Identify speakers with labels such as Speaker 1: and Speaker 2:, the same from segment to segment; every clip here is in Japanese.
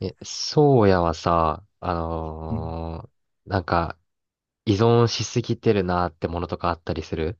Speaker 1: そうやはさ、
Speaker 2: うん。
Speaker 1: ーなんか、依存しすぎてるなってものとかあったりする。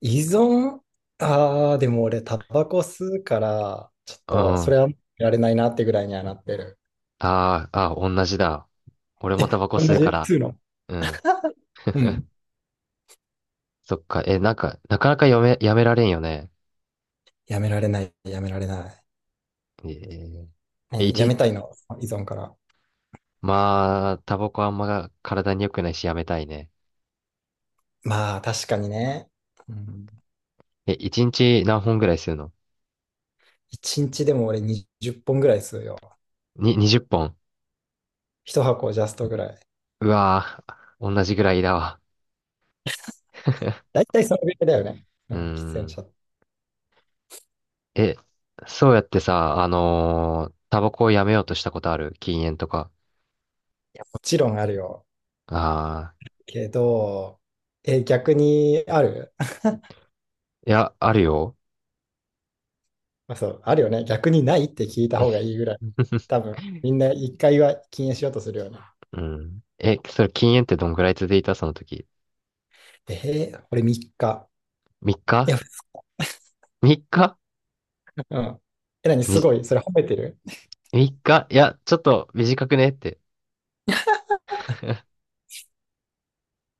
Speaker 2: 依存。でも俺、タバコ吸うから、ちょっ
Speaker 1: うん。
Speaker 2: と、それはやめられないなってぐらいにはなってる。
Speaker 1: ああ、同じだ。俺もタ
Speaker 2: え、
Speaker 1: バコ
Speaker 2: 同
Speaker 1: 吸う
Speaker 2: じ
Speaker 1: から。
Speaker 2: 吸うの？
Speaker 1: うん。
Speaker 2: うん。
Speaker 1: そっか。なんか、なかなかやめ、やめられんよね。
Speaker 2: やめられない、やめられない。
Speaker 1: えー、え
Speaker 2: ね、や
Speaker 1: 一、
Speaker 2: めたいの、依存から。
Speaker 1: まあ、タバコあんま体に良くないしやめたいね。
Speaker 2: まあ、確かにね。うん。
Speaker 1: え、一日何本ぐらい吸うの？
Speaker 2: 一日でも俺20本ぐらい吸うよ。
Speaker 1: に、20本。
Speaker 2: 一箱ジャストぐらい。
Speaker 1: うわぁ、同じぐらいだわ。
Speaker 2: だ いたいそのぐらいだよね。う
Speaker 1: うー
Speaker 2: ん、喫煙
Speaker 1: ん。
Speaker 2: 者。い
Speaker 1: え、そうやってさ、タバコをやめようとしたことある？禁煙とか。
Speaker 2: や、もちろんあるよ。
Speaker 1: ああ、
Speaker 2: けど、え、逆にある？
Speaker 1: いや、あるよ。
Speaker 2: まあ、そう、あるよね。逆にないって聞いた方がいいぐらい。多分、みんな一回は禁煙しようとするよね。
Speaker 1: うん。え、それ禁煙ってどんぐらい続いたその時。
Speaker 2: 俺3日。
Speaker 1: 3
Speaker 2: い
Speaker 1: 日
Speaker 2: や、
Speaker 1: 3 日？
Speaker 2: うん。え、何す
Speaker 1: み、
Speaker 2: ごい。それ褒めてる？
Speaker 1: 3日、いや、ちょっと短くねって。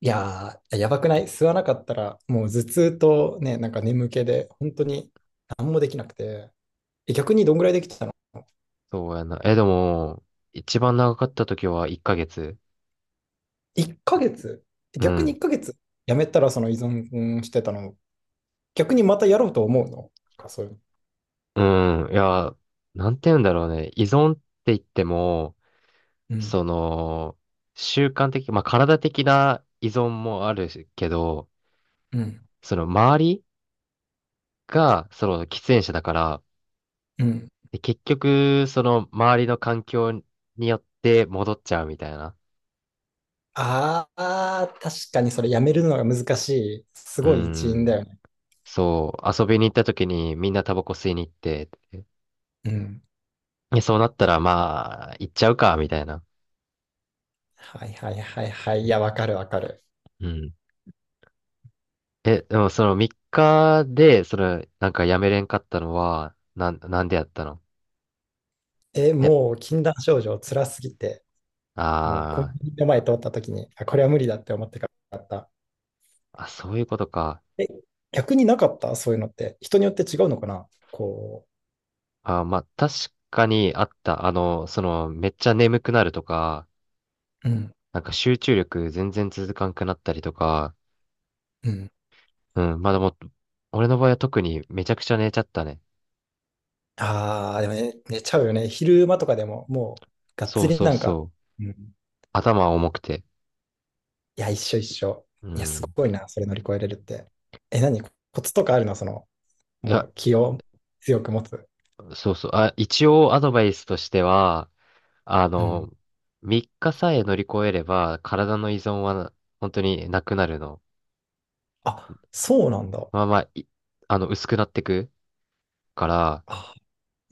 Speaker 2: いやー、やばくない？吸わなかったら、もう頭痛とね、なんか眠気で、本当に何もできなくて。え、逆にどんぐらいできてたの
Speaker 1: そうやな。え、でも、一番長かった時は1ヶ月。
Speaker 2: ?1 ヶ月。
Speaker 1: う
Speaker 2: 逆に
Speaker 1: ん。
Speaker 2: 1ヶ月？やめたらその依存してたの、逆にまたやろうと思うのか、そういうの？
Speaker 1: うん。いや、なんて言うんだろうね。依存って言っても、
Speaker 2: うん。
Speaker 1: その、習慣的、まあ、体的な依存もあるけど、
Speaker 2: うん。
Speaker 1: その周りが、その喫煙者だから、
Speaker 2: うん。
Speaker 1: で結局、その周りの環境によって戻っちゃうみたいな。
Speaker 2: ああ、確かにそれやめるのが難しい。す
Speaker 1: うー
Speaker 2: ごい一因だ
Speaker 1: ん。
Speaker 2: よね。
Speaker 1: そう、遊びに行った時にみんなタバコ吸いに行って、
Speaker 2: うん。
Speaker 1: でそうなったらまあ、行っちゃうか、みたいな。
Speaker 2: はいはいはいはい。いや、わかるわかる。
Speaker 1: うん。え、でもその3日で、その、なんかやめれんかったのは、なん、なんでやったの？
Speaker 2: え、
Speaker 1: いや、
Speaker 2: もう禁断症状辛すぎて、もうコン
Speaker 1: あ
Speaker 2: ビニの前通った時に、あ、これは無理だって思ってかった。
Speaker 1: そういうことか。
Speaker 2: え、逆になかった、そういうのって？人によって違うのかな、こ
Speaker 1: あー、まあ、確かにあった。あの、その、めっちゃ眠くなるとか、
Speaker 2: う。うん。
Speaker 1: なんか集中力全然続かんくなったりとか、
Speaker 2: うん。
Speaker 1: うん、まあでも、俺の場合は特にめちゃくちゃ寝ちゃったね。
Speaker 2: ああ、でもね、寝ちゃうよね。昼間とかでも、もう、がっ
Speaker 1: そ
Speaker 2: つ
Speaker 1: う
Speaker 2: り
Speaker 1: そう
Speaker 2: なん
Speaker 1: そ
Speaker 2: か。
Speaker 1: う。
Speaker 2: うん。
Speaker 1: 頭重くて。
Speaker 2: いや、一緒一緒。
Speaker 1: う
Speaker 2: いや、す
Speaker 1: ん。
Speaker 2: ごいな、それ乗り越えれるって。え、何コツとかあるの、その、
Speaker 1: い
Speaker 2: も
Speaker 1: や、
Speaker 2: う気を強く持つ？
Speaker 1: そうそう。あ、一応アドバイスとしては、あ
Speaker 2: うん。
Speaker 1: の、3日さえ乗り越えれば、体の依存は本当になくなるの。
Speaker 2: あ、そうなんだ。
Speaker 1: まあまあ、いあの、薄くなってくから、
Speaker 2: あ、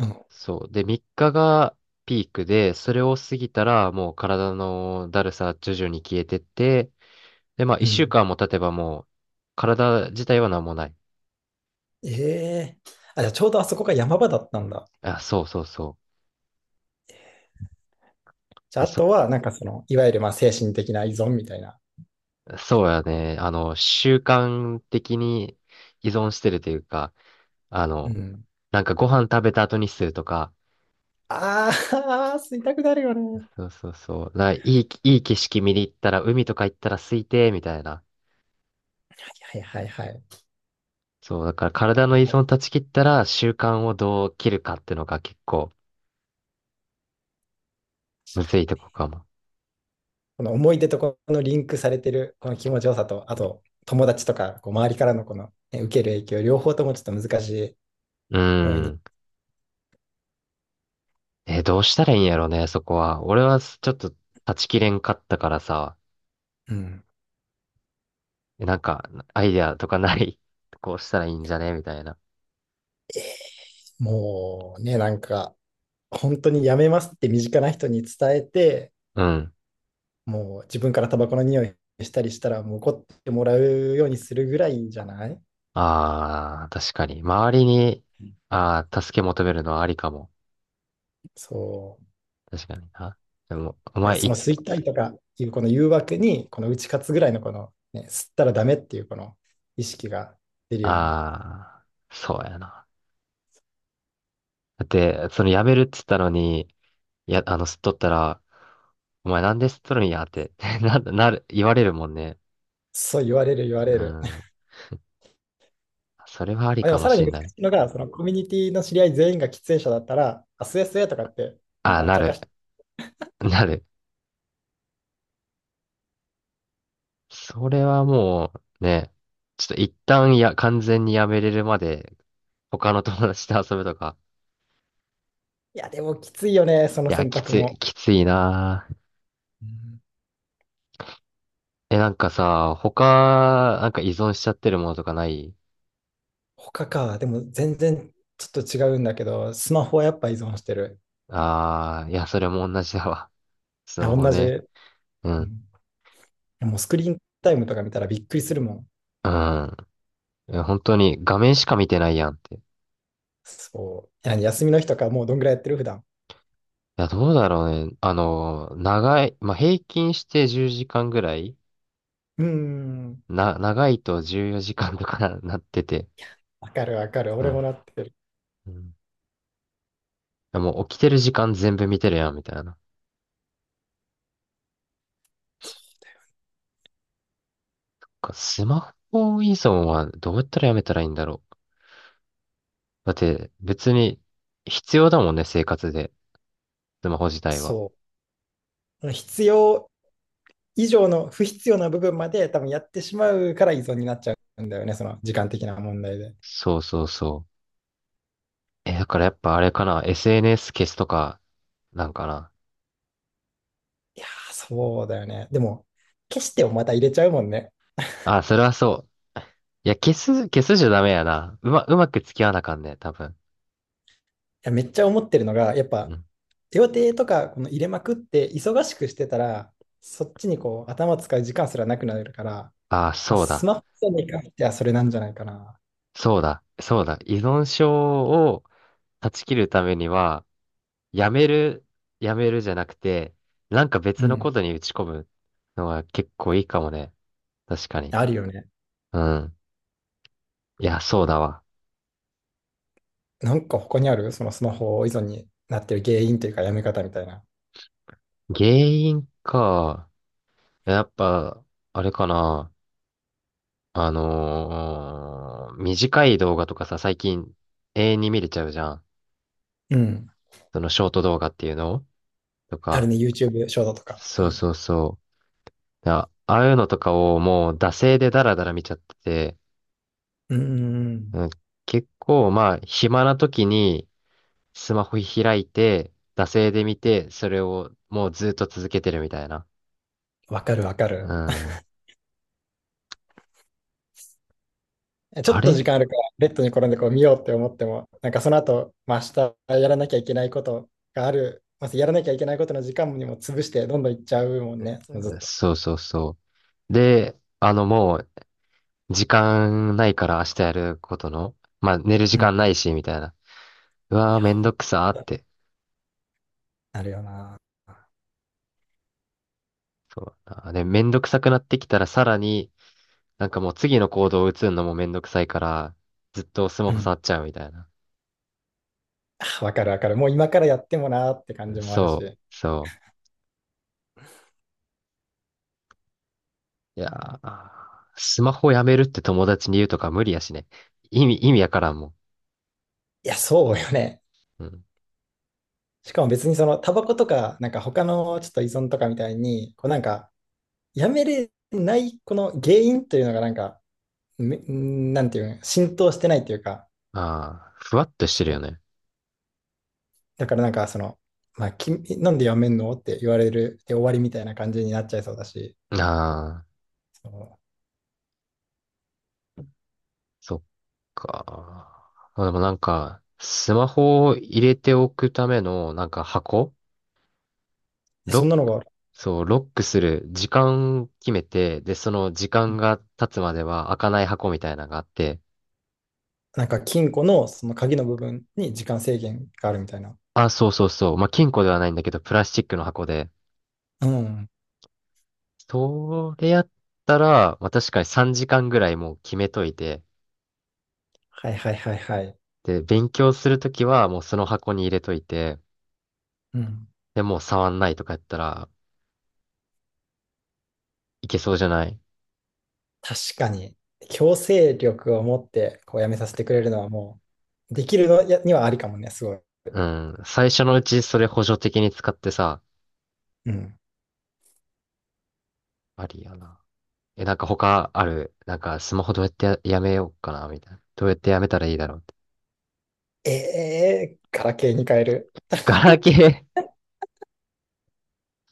Speaker 2: うん。
Speaker 1: そう。で、3日がピークで、それを過ぎたらもう体のだるさ徐々に消えてって、で、まあ
Speaker 2: う
Speaker 1: 1週
Speaker 2: ん。
Speaker 1: 間も経てばもう体自体は何もない。
Speaker 2: ええ、あ、じゃあちょうどあそこが山場だったんだ。
Speaker 1: あ、そうそうそ
Speaker 2: じ
Speaker 1: う。
Speaker 2: ゃあ、あとは、なんかその、いわゆるまあ精神的な依存みたいな。
Speaker 1: そうやね。あの、習慣的に依存してるというか、あ
Speaker 2: う
Speaker 1: の、
Speaker 2: ん。
Speaker 1: なんかご飯食べた後にするとか、
Speaker 2: ああ、吸いたくなるよね。
Speaker 1: そうそうそう。な、いい、いい景色見に行ったら海とか行ったら空いて、みたいな。
Speaker 2: はいはいはいはい。い
Speaker 1: そう、だから
Speaker 2: や、
Speaker 1: 体
Speaker 2: こ
Speaker 1: の依存
Speaker 2: う、
Speaker 1: 断ち切ったら習慣をどう切るかっていうのが結構、
Speaker 2: 確
Speaker 1: む
Speaker 2: か
Speaker 1: ずい
Speaker 2: に
Speaker 1: とこかも。
Speaker 2: この思い出とこのリンクされてるこの気持ちよさと、あと友達とかこう周りからのこの、ね、受ける影響、両方ともちょっと難しい
Speaker 1: う
Speaker 2: 要因に。
Speaker 1: ん。え、どうしたらいいんやろうね、そこは。俺はちょっと断ち切れんかったからさ、
Speaker 2: うん。
Speaker 1: なんか、アイデアとかない？ こうしたらいいんじゃねみたいな。
Speaker 2: もうね、なんか本当にやめますって身近な人に伝えて、
Speaker 1: うん。
Speaker 2: もう自分からタバコの匂いしたりしたら、もう怒ってもらうようにするぐらいじゃない？
Speaker 1: ああ、確かに。周りに、
Speaker 2: うん。
Speaker 1: ああ、助け求めるのはありかも。
Speaker 2: そう。
Speaker 1: 確かにな。でも、お
Speaker 2: なんか
Speaker 1: 前、
Speaker 2: その
Speaker 1: い、
Speaker 2: 吸いたいとかいうこの誘惑に、この打ち勝つぐらいのこの、ね、吸ったらダメっていうこの意識が出るように。
Speaker 1: ああ、そうやな。だって、その辞めるっつったのに、いや、あの、吸っとったら、お前なんで吸っとるんやって な、なる、言われるもんね。
Speaker 2: そう、言われる言わ
Speaker 1: う
Speaker 2: れる。
Speaker 1: ん。それはあ り
Speaker 2: あ、で
Speaker 1: か
Speaker 2: も
Speaker 1: も
Speaker 2: さら
Speaker 1: し
Speaker 2: に
Speaker 1: れ
Speaker 2: 難し
Speaker 1: ない。
Speaker 2: いのが、そのコミュニティの知り合い全員が喫煙者だったら、あ、吸え吸えとかって、なん
Speaker 1: あ、
Speaker 2: か
Speaker 1: な
Speaker 2: 茶化
Speaker 1: る。
Speaker 2: して、
Speaker 1: なる。それはもう、ね、ちょっと一旦や、完全にやめれるまで、他の友達と遊ぶとか。
Speaker 2: いやでもきついよね、その
Speaker 1: いや、
Speaker 2: 選択も。
Speaker 1: きついなぁ。
Speaker 2: うん。
Speaker 1: え、なんかさ、なんか依存しちゃってるものとかない？
Speaker 2: 他か。でも全然ちょっと違うんだけど、スマホはやっぱ依存してる。
Speaker 1: ああー、いや、それも同じだわ。ス
Speaker 2: いや、
Speaker 1: マホ
Speaker 2: 同じ。
Speaker 1: ね。
Speaker 2: う
Speaker 1: うん。
Speaker 2: ん。でもスクリーンタイムとか見たらびっくりするもん。
Speaker 1: うん。いや、本当に画面しか見てないやんって。い
Speaker 2: そう。何？休みの日とかもうどんぐらいやってる、普段？
Speaker 1: や、どうだろうね。あの、長い、まあ、平均して10時間ぐらい、
Speaker 2: うーん。
Speaker 1: な、長いと14時間とか なってて、
Speaker 2: わかるわかる。
Speaker 1: う
Speaker 2: 俺
Speaker 1: ん。
Speaker 2: もなってる。
Speaker 1: うん。もう起きてる時間全部見てるやん、みたいな。なん
Speaker 2: そうだよ。
Speaker 1: かスマホ依存はどうやったらやめたらいいんだろう。だって別に必要だもんね、生活で。スマホ自体は。
Speaker 2: そう。必要以上の不必要な部分まで多分やってしまうから依存になっちゃうんだよね。その時間的な問題で。
Speaker 1: そうそうそう。え、だからやっぱあれかな。SNS 消すとか、なんかな。
Speaker 2: いやー、そうだよね。でも、消してもまた入れちゃうもんね。
Speaker 1: あ、それはそう。いや、消すじゃダメやな。うまく付き合わなあかんね、多分。
Speaker 2: いや、めっちゃ思ってるのが、やっ
Speaker 1: う
Speaker 2: ぱ
Speaker 1: ん。
Speaker 2: 手予定とかこの入れまくって忙しくしてたら、そっちにこう頭使う時間すらなくなるから、
Speaker 1: あ、
Speaker 2: まあ、
Speaker 1: そう
Speaker 2: ス
Speaker 1: だ。
Speaker 2: マホに関してはそれなんじゃないかな。
Speaker 1: 依存症を断ち切るためには、やめる、やめるじゃなくて、なんか
Speaker 2: う
Speaker 1: 別のこ
Speaker 2: ん。
Speaker 1: とに打ち込むのが結構いいかもね。確かに。
Speaker 2: あるよね。
Speaker 1: うん。いや、そうだわ。
Speaker 2: なんか他にあるそのスマホ依存になってる原因というかやめ方みたいな？
Speaker 1: 原因か。やっぱ、あれかな。短い動画とかさ、最近永遠に見れちゃうじゃん。
Speaker 2: うん。
Speaker 1: そのショート動画っていうのと
Speaker 2: ある
Speaker 1: か。
Speaker 2: ね、YouTube ショートとか。
Speaker 1: そ
Speaker 2: う
Speaker 1: う
Speaker 2: ん。
Speaker 1: そうそう。あ、ああいうのとかをもう惰性でダラダラ見ちゃってて、
Speaker 2: うんうんうん。
Speaker 1: うん、結構まあ、暇な時に、スマホ開いて、惰性で見て、それをもうずっと続けてるみたいな。
Speaker 2: わかるわか
Speaker 1: う
Speaker 2: る。
Speaker 1: ん。
Speaker 2: ちょ
Speaker 1: あ
Speaker 2: っと時
Speaker 1: れ、
Speaker 2: 間あるから、ベッドに転んでこう見ようって思っても、なんかその後、まあ、明日やらなきゃいけないことがある、まずやらなきゃいけないことの時間にも潰して、どんどんいっちゃうもんね、そのずっと。
Speaker 1: そうそうそう。で、あのもう、時間ないから明日やることの、まあ寝る時
Speaker 2: うん。
Speaker 1: 間ないし、みたいな。うわーめん
Speaker 2: ほ
Speaker 1: ど
Speaker 2: ん
Speaker 1: くさーっ
Speaker 2: とに
Speaker 1: て。
Speaker 2: なるよな。
Speaker 1: そうだな。で、めんどくさくなってきたらさらに、なんかもう次の行動を移るのもめんどくさいから、ずっとスマ
Speaker 2: う
Speaker 1: ホ
Speaker 2: ん。
Speaker 1: 触っちゃうみたいな。
Speaker 2: あ、わかるわかる。もう今からやってもなーって感じもあるし。い
Speaker 1: そう。いやー、スマホやめるって友達に言うとか無理やしね。意味やからんもん。
Speaker 2: や、そうよね。
Speaker 1: うん。
Speaker 2: しかも別にそのタバコとか、なんか他のちょっと依存とかみたいに、こう、なんかやめれないこの原因というのがなんか、なんていうん、浸透してないというか、
Speaker 1: ああ、ふわっとして
Speaker 2: そ
Speaker 1: るよね。
Speaker 2: う。だからなんかその、まあ、君なんでやめんのって言われるで終わりみたいな感じになっちゃいそうだし、
Speaker 1: ああ、
Speaker 2: そ
Speaker 1: そっか。まあでもなんか、スマホを入れておくための、なんか箱、
Speaker 2: う。
Speaker 1: ロ
Speaker 2: そん
Speaker 1: ッ
Speaker 2: なの
Speaker 1: ク、
Speaker 2: が、
Speaker 1: そう、ロックする時間決めて、で、その時間が経つまでは開かない箱みたいなのがあって、
Speaker 2: なんか金庫のその鍵の部分に時間制限があるみたいな。
Speaker 1: あ、そうそうそう。まあ、金庫ではないんだけど、プラスチックの箱で、
Speaker 2: うん。
Speaker 1: それやったら、まあ、確かに3時間ぐらいもう決めといて、
Speaker 2: はいはいはいはい。
Speaker 1: で、勉強するときはもうその箱に入れといて、
Speaker 2: うん。
Speaker 1: で、もう触んないとかやったらいけそうじゃない？
Speaker 2: 確かに、強制力を持ってこうやめさせてくれるのはもう、できるのやにはありかもね、すごい。
Speaker 1: うん。最初のうちそれ補助的に使ってさ、
Speaker 2: うん。
Speaker 1: ありやな。え、なんか他ある、なんかスマホどうやってや、やめようかな、みたいな。どうやってやめたらいいだろうって。
Speaker 2: ええ、ガラケーに変える。
Speaker 1: ガラケー？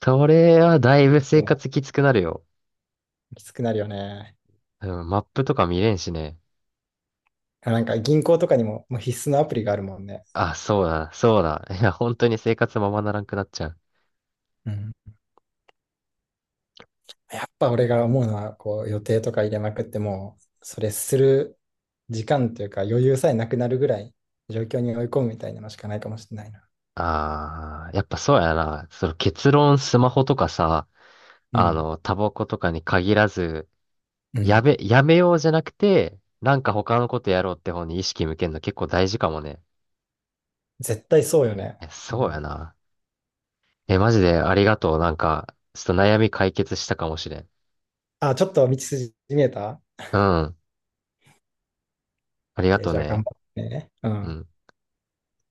Speaker 1: それはだい
Speaker 2: う
Speaker 1: ぶ生
Speaker 2: ん。
Speaker 1: 活きつくなるよ。
Speaker 2: きつくなるよね。
Speaker 1: うん、マップとか見れんしね。
Speaker 2: なんか銀行とかにも、もう必須のアプリがあるもんね。
Speaker 1: あ、そうだ。いや、本当に生活ままならんくなっちゃう。
Speaker 2: うん。やっぱ俺が思うのは、こう予定とか入れまくっても、それする時間というか余裕さえなくなるぐらい状況に追い込むみたいなのしかないかもしれないな。
Speaker 1: ああ、やっぱそうやな。その結論スマホとかさ、
Speaker 2: う
Speaker 1: あ
Speaker 2: ん。
Speaker 1: の、タバコとかに限らず、
Speaker 2: うん。
Speaker 1: やめようじゃなくて、なんか他のことやろうって方に意識向けるの結構大事かもね。
Speaker 2: 絶対そうよね。
Speaker 1: え、
Speaker 2: う
Speaker 1: そうや
Speaker 2: ん、
Speaker 1: な。え、マジでありがとう。なんか、ちょっと悩み解決したかもしれん。
Speaker 2: あ、ちょっと道筋見えた
Speaker 1: うん。ありが
Speaker 2: ?OK、
Speaker 1: とう
Speaker 2: じゃあ頑
Speaker 1: ね。
Speaker 2: 張ってね。う
Speaker 1: う
Speaker 2: ん。
Speaker 1: ん。